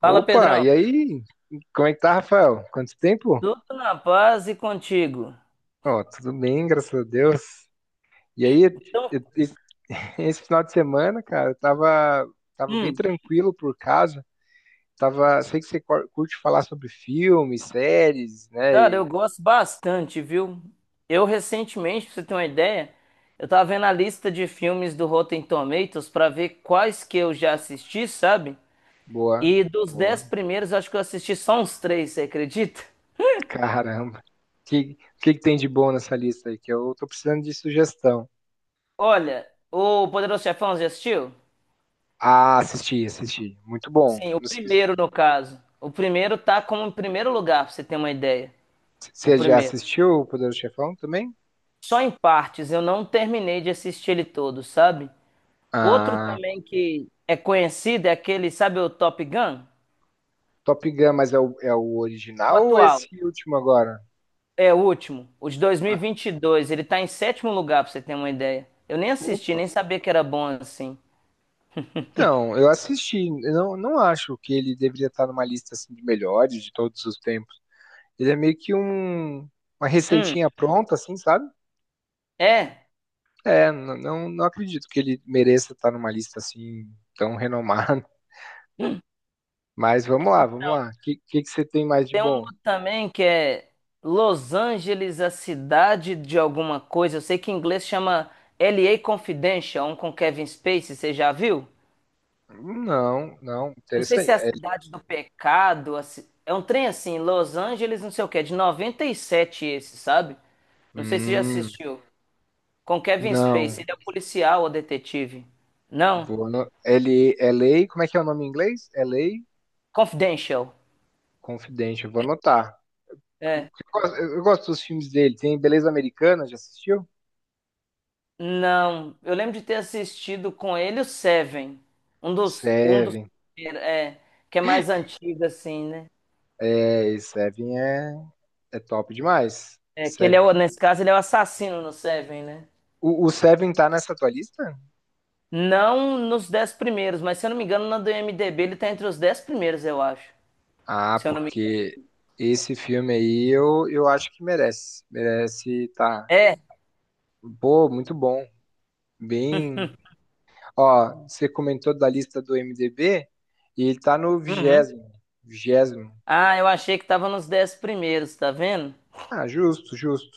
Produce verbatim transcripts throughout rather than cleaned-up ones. Fala, Opa, Pedrão. e aí? Como é que tá, Rafael? Quanto tempo? Tudo na paz e contigo. Ó, tudo bem, graças a Deus. E aí, Então, eu- eu- esse final de semana, cara, eu tava, tava bem hum, tranquilo por casa. Tava, sei que você cor- curte falar sobre filmes, séries, né? cara, eu E- gosto bastante, viu? Eu recentemente, pra você ter uma ideia, eu tava vendo a lista de filmes do Rotten Tomatoes pra ver quais que eu já assisti, sabe? Boa, E dos dez boa. primeiros, eu acho que eu assisti só uns três, você acredita? Caramba. O que, que que tem de bom nessa lista aí? Que eu tô precisando de sugestão. Olha, o Poderoso Chefão, já assistiu? Ah, assisti, assisti. Muito bom. Sim, o Não sei se- primeiro, no caso. O primeiro tá como em primeiro lugar, pra você ter uma ideia. O Você já primeiro. assistiu o Poderoso Chefão também? Só em partes, eu não terminei de assistir ele todo, sabe? Outro Ah. também que é conhecido é aquele, sabe o Top Gun? Top Gun, mas é o, é o O original ou é atual, esse último agora? é o último, o de dois, mil e Ah, vinte e dois. Ele tá em sétimo lugar, pra você ter uma ideia. Eu nem assisti, opa. nem sabia que era bom assim. Então, eu assisti. Eu não, não acho que ele deveria estar numa lista assim, de melhores de todos os tempos. Ele é meio que um, uma Hum, receitinha pronta, assim, sabe? é, É, n- não, não acredito que ele mereça estar numa lista assim tão renomada. Mas vamos lá, vamos lá. O que, que, que você tem mais de bom? também que é Los Angeles, a cidade de alguma coisa. Eu sei que em inglês chama L A Confidential, um com Kevin Spacey, você já viu? Não, não, Não sei interessante. se é a É, cidade do pecado, a ci- é um trem assim, Los Angeles, não sei o que, é de noventa e sete esse, sabe? Não sei se já hum, assistiu. Com Kevin não. Spacey, ele é o policial ou detetive? Não? Vou no- L, LA, como é que é o nome em inglês? L A? Confidential. Confidente, eu vou anotar. Eu É. gosto eu gosto dos filmes dele. Tem Beleza Americana, já assistiu? Não. Eu lembro de ter assistido com ele o Seven. Um dos, um dos, Seven. é, que é mais antigo assim, né? É, e Seven é, é top demais. É, que ele Seven. é, o- nesse caso, ele é o assassino no Seven, né? O, o Seven tá nessa tua lista? Não nos dez primeiros, mas se eu não me engano, na do IMDb ele tá entre os dez primeiros, eu acho. Ah, Se eu não me engano. porque esse filme aí eu, eu acho que merece. Merece, tá. É. Pô, muito bom. Bem. Ó, você comentou da lista do IMDb e ele tá no Uhum. vigésimo. Vigésimo. Ah, eu achei que tava nos dez primeiros, tá vendo? Ah, justo, justo.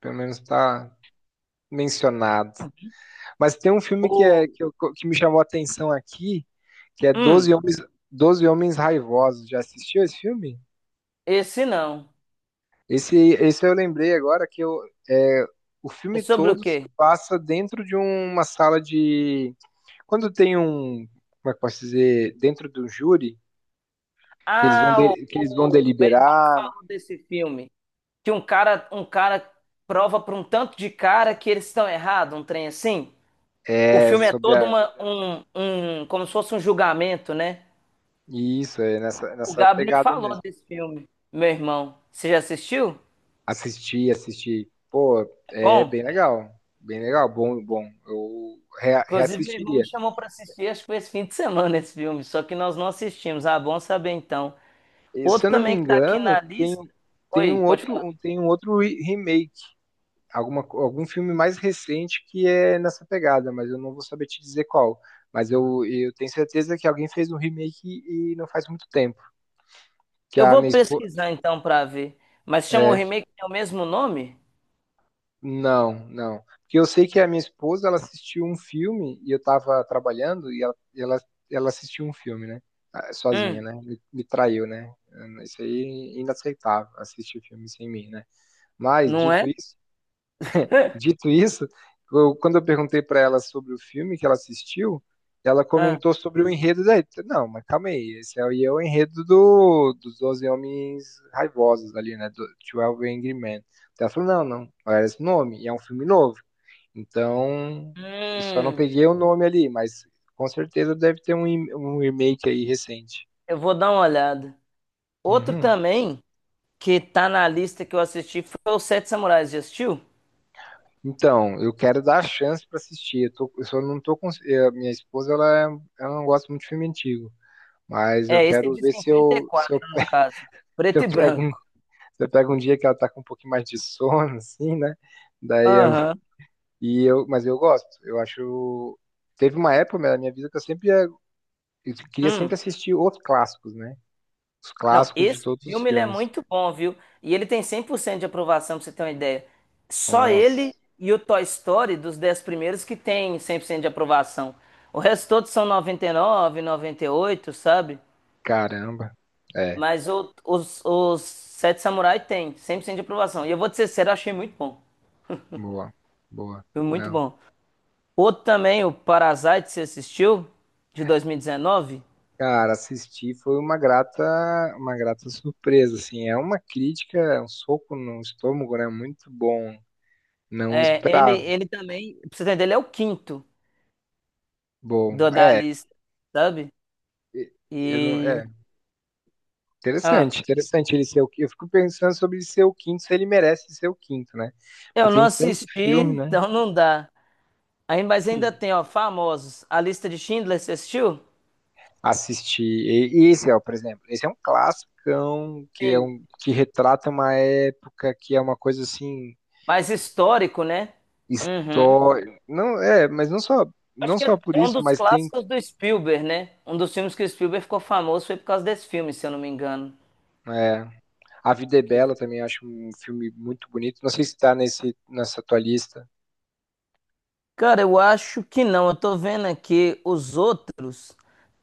Pelo menos tá mencionado. Mas tem um filme que, O... é, que, eu- que me chamou a atenção aqui, que é doze Hum. Homens, doze Homens Raivosos. Já assistiu esse filme? Esse não. Esse, esse eu lembrei agora que eu, é, o É filme sobre o todo se quê? passa dentro de uma sala de. Quando tem um. Como é que eu posso dizer? Dentro do júri, que eles vão, Ah, o, de- que eles vão o meu irmão deliberar falou desse filme. Que um cara, um cara prova para um tanto de cara que eles estão errados, um trem assim. O é, filme é sobre todo a. uma, um, um, como se fosse um julgamento, né? Isso, é nessa, O nessa Gabi me pegada falou mesmo. desse filme, meu irmão. Você já assistiu? Assistir, assistir. Pô, É é bom, bem legal. Bem legal, bom, bom. Eu rea- inclusive meu irmão me reassistiria. chamou para assistir, acho que foi esse fim de semana esse filme, só que nós não assistimos. Ah, bom saber então. E, se Outro eu não me também que tá aqui engano, na tem, lista. tem Oi, um pode outro, falar. um- tem um outro re- remake, alguma, co- algum filme mais recente que é nessa pegada, mas eu não vou saber te dizer qual. Mas eu, eu tenho certeza que alguém fez um remake e não faz muito tempo. Que Eu a vou minha esposa. pesquisar então pra ver. Mas chama o É, remake tem o mesmo nome? não, não. Porque eu sei que a minha esposa ela assistiu um filme e eu tava trabalhando e ela, ela, ela assistiu um filme, né? Ah, Sozinha, Hum, né? Me, me traiu, né? Isso aí é inaceitável, assistir filme sem mim, né? Mas, não dito é? isso, Dito isso, eu- quando eu perguntei para ela sobre o filme que ela assistiu, ela Ah. comentou sobre o enredo daí. Não, mas calma aí, esse aí é o enredo do, dos doze Homens Raivosos ali, né? Do twelve Angry Men. Então ela falou, não, não, não era esse nome, e é um filme novo. Então, eu só não Hum, peguei o nome ali, mas com certeza deve ter um, em- um remake aí recente. eu vou dar uma olhada. Outro Uhum. também que tá na lista que eu assisti foi o Sete Samurais, já assistiu? Então, eu quero dar a chance para assistir. Eu, tô, eu só não tô cons- eh, Minha esposa, ela, é- ela não gosta muito de filme antigo. Mas eu É, esse é quero de ver se eu, se cinquenta e quatro eu, pe- no caso, se preto e eu pego um, branco. se eu pego um dia que ela tá com um pouquinho mais de sono, assim, né? Daí eu, Aham. e eu, mas eu gosto. Eu acho. Teve uma época na minha vida que eu sempre ia- eu queria sempre Hum. assistir os clássicos, né? Os Não, clássicos de esse todos os filme ele é filmes. muito bom, viu? E ele tem cem por cento de aprovação, pra você ter uma ideia. Só Nossa, ele e o Toy Story dos dez primeiros que tem cem por cento de aprovação. O resto todos são noventa, noventa e nove, noventa e oito, sabe? caramba. É, Mas o- os, os Sete Samurai tem cem por cento de aprovação. E eu vou te ser sério, eu achei muito bom. boa, boa. Foi muito Não. bom. Outro também, o Parasite, você assistiu? De dois mil e dezenove. Cara, assistir foi uma grata, uma grata surpresa, assim. É uma crítica, é um soco no estômago, né? Muito bom. Não É, ele, esperava. ele também, pra você entender, ele é o quinto Bom, do, da é, lista, sabe? e- eu não, E é Ah, interessante, interessante ele ser o quinto. Eu fico pensando sobre ele ser o quinto, se ele merece ser o quinto, né? Porque eu não tem tanto assisti, filme, né? então não dá. Aí, mas ainda tem, ó, famosos. A lista de Schindler, você assistiu? Assistir. E, e esse é, por exemplo, esse é um classicão que é Sim. um que retrata uma época que é uma coisa assim Mais histórico, né? Uhum. histórica. Não, é, mas não só Acho não que só por é um isso, dos mas tem clássicos do Spielberg, né? Um dos filmes que o Spielberg ficou famoso foi por causa desse filme, se eu não me engano. é, A Vida é Bela também acho um filme muito bonito. Não sei se está nesse nessa tua lista. Cara, eu acho que não. Eu tô vendo aqui os outros.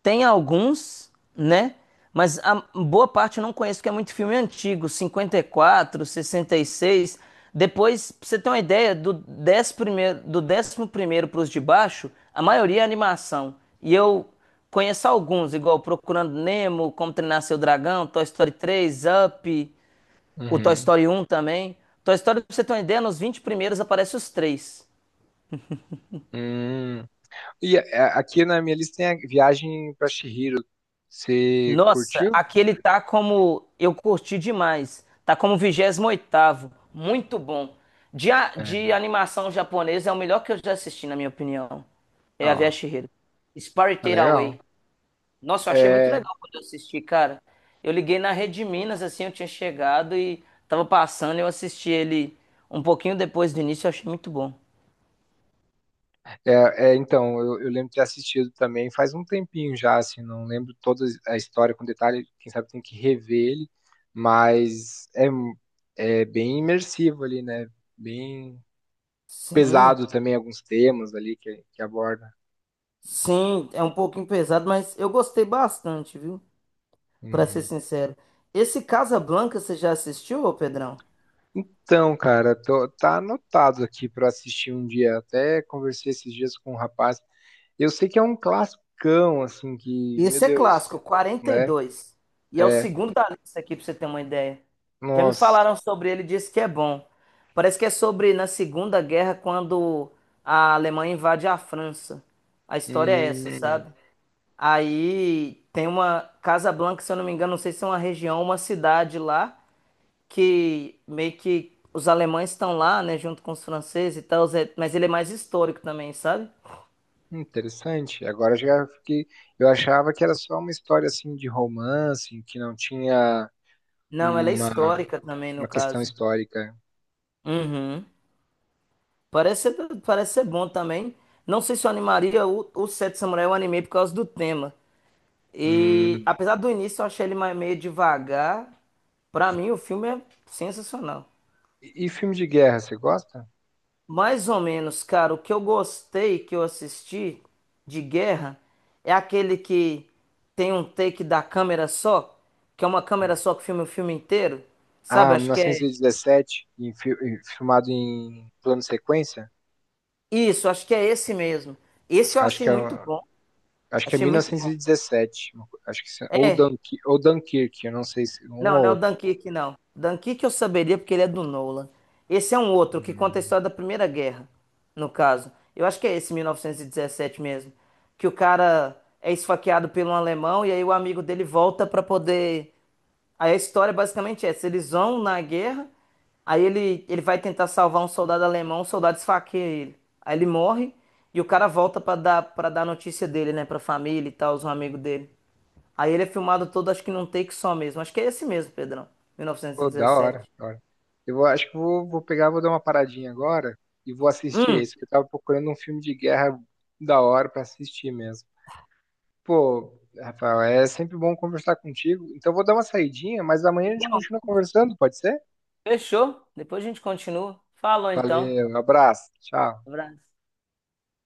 Tem alguns, né? Mas a boa parte eu não conheço, porque é muito filme antigo, cinquenta e quatro, sessenta e seis. Depois, pra você ter uma ideia, do décimo primeiro, do 11 primeiro pros de baixo, a maioria é animação. E eu conheço alguns, igual Procurando Nemo, Como Treinar Seu Dragão, Toy Story três, Up, o Toy Uhum. Story um também. Toy Story, pra você ter uma ideia, nos vinte primeiros aparece os três. Hum. E é, é, aqui na minha lista tem a Viagem pra Chihiro. Você Nossa, curtiu? aqui ele tá como. Eu curti demais. Tá como vigésimo oitavo. Muito bom. De, a- de É. animação japonesa é o melhor que eu já assisti, na minha opinião. É Ó, a Via tá Spirited legal. Away. Nossa, eu achei muito É, legal quando eu assisti, cara. Eu liguei na Rede Minas, assim, eu tinha chegado e tava passando, eu assisti ele um pouquinho depois do início, eu achei muito bom. é, é, então, eu, eu lembro de ter assistido também faz um tempinho já, assim, não lembro toda a história com detalhe, quem sabe tem que rever ele, mas é, é bem imersivo ali, né? Bem Sim, pesado também alguns temas ali que, que aborda. sim, é um pouquinho pesado, mas eu gostei bastante, viu? Pra ser Uhum. sincero. Esse Casablanca você já assistiu, ô Pedrão? Então, cara, tô- tá anotado aqui pra assistir um dia. Até conversei esses dias com um rapaz. Eu sei que é um classicão, assim, que, meu Esse é Deus, clássico, quarenta E né? dois e é o É, segundo da lista aqui, pra você ter uma ideia. Já me nossa, falaram sobre ele, disse que é bom. Parece que é sobre na Segunda Guerra, quando a Alemanha invade a França. A história é essa, hum, sabe? Aí tem uma Casablanca, se eu não me engano, não sei se é uma região, uma cidade lá, que meio que os alemães estão lá, né, junto com os franceses e tal, Zé, mas ele é mais histórico também, sabe? interessante. Agora já fiquei. Eu achava que era só uma história, assim, de romance, que não tinha Não, ela é uma, histórica também, no uma questão caso. histórica. Uhum. Parece ser, parece ser bom também. Não sei se eu animaria o, o Sete Samurai, eu animei por causa do tema. E Hum. apesar do início eu achei ele mais- meio devagar, pra mim o filme é sensacional. E, e filme de guerra, você gosta? Mais ou menos, cara, o que eu gostei que eu assisti de guerra é aquele que tem um take da câmera só, que é uma câmera Hum. só que filma o filme inteiro. Sabe, Ah, acho que é. mil novecentos e dezessete, em fi- em- filmado em plano sequência? Isso, acho que é esse mesmo. Esse eu Acho achei que é, muito um- bom. acho que é Achei muito bom. mil novecentos e dezessete, uma co- acho que, se- ou, Dunk, ou Dunkirk, eu não sei se um Não, ou não é o outro. Dunkirk, não. Dunkirk eu saberia porque ele é do Nolan. Esse é um outro que conta a história da Primeira Guerra, no caso. Eu acho que é esse mil novecentos e dezessete mesmo. Que o cara é esfaqueado por um alemão e aí o amigo dele volta pra poder. Aí a história basicamente é essa: eles vão na guerra, aí ele, ele vai tentar salvar um soldado alemão, o soldado esfaqueia ele. Aí ele morre e o cara volta pra dar para dar notícia dele, né, pra família e tal, os amigos dele. Aí ele é filmado todo, acho que num take só mesmo. Acho que é esse mesmo, Pedrão, Pô, da hora, mil novecentos e dezessete. da hora. Eu vou- acho que vou, vou pegar, vou dar uma paradinha agora e vou assistir Hum, esse, porque eu tava procurando um filme de guerra da hora pra assistir mesmo. Pô, Rafael, é sempre bom conversar contigo. Então eu vou dar uma saidinha, mas amanhã a gente igual. continua conversando, pode ser? Fechou? Depois a gente continua. Falou então. Valeu, abraço, tchau. Abraço.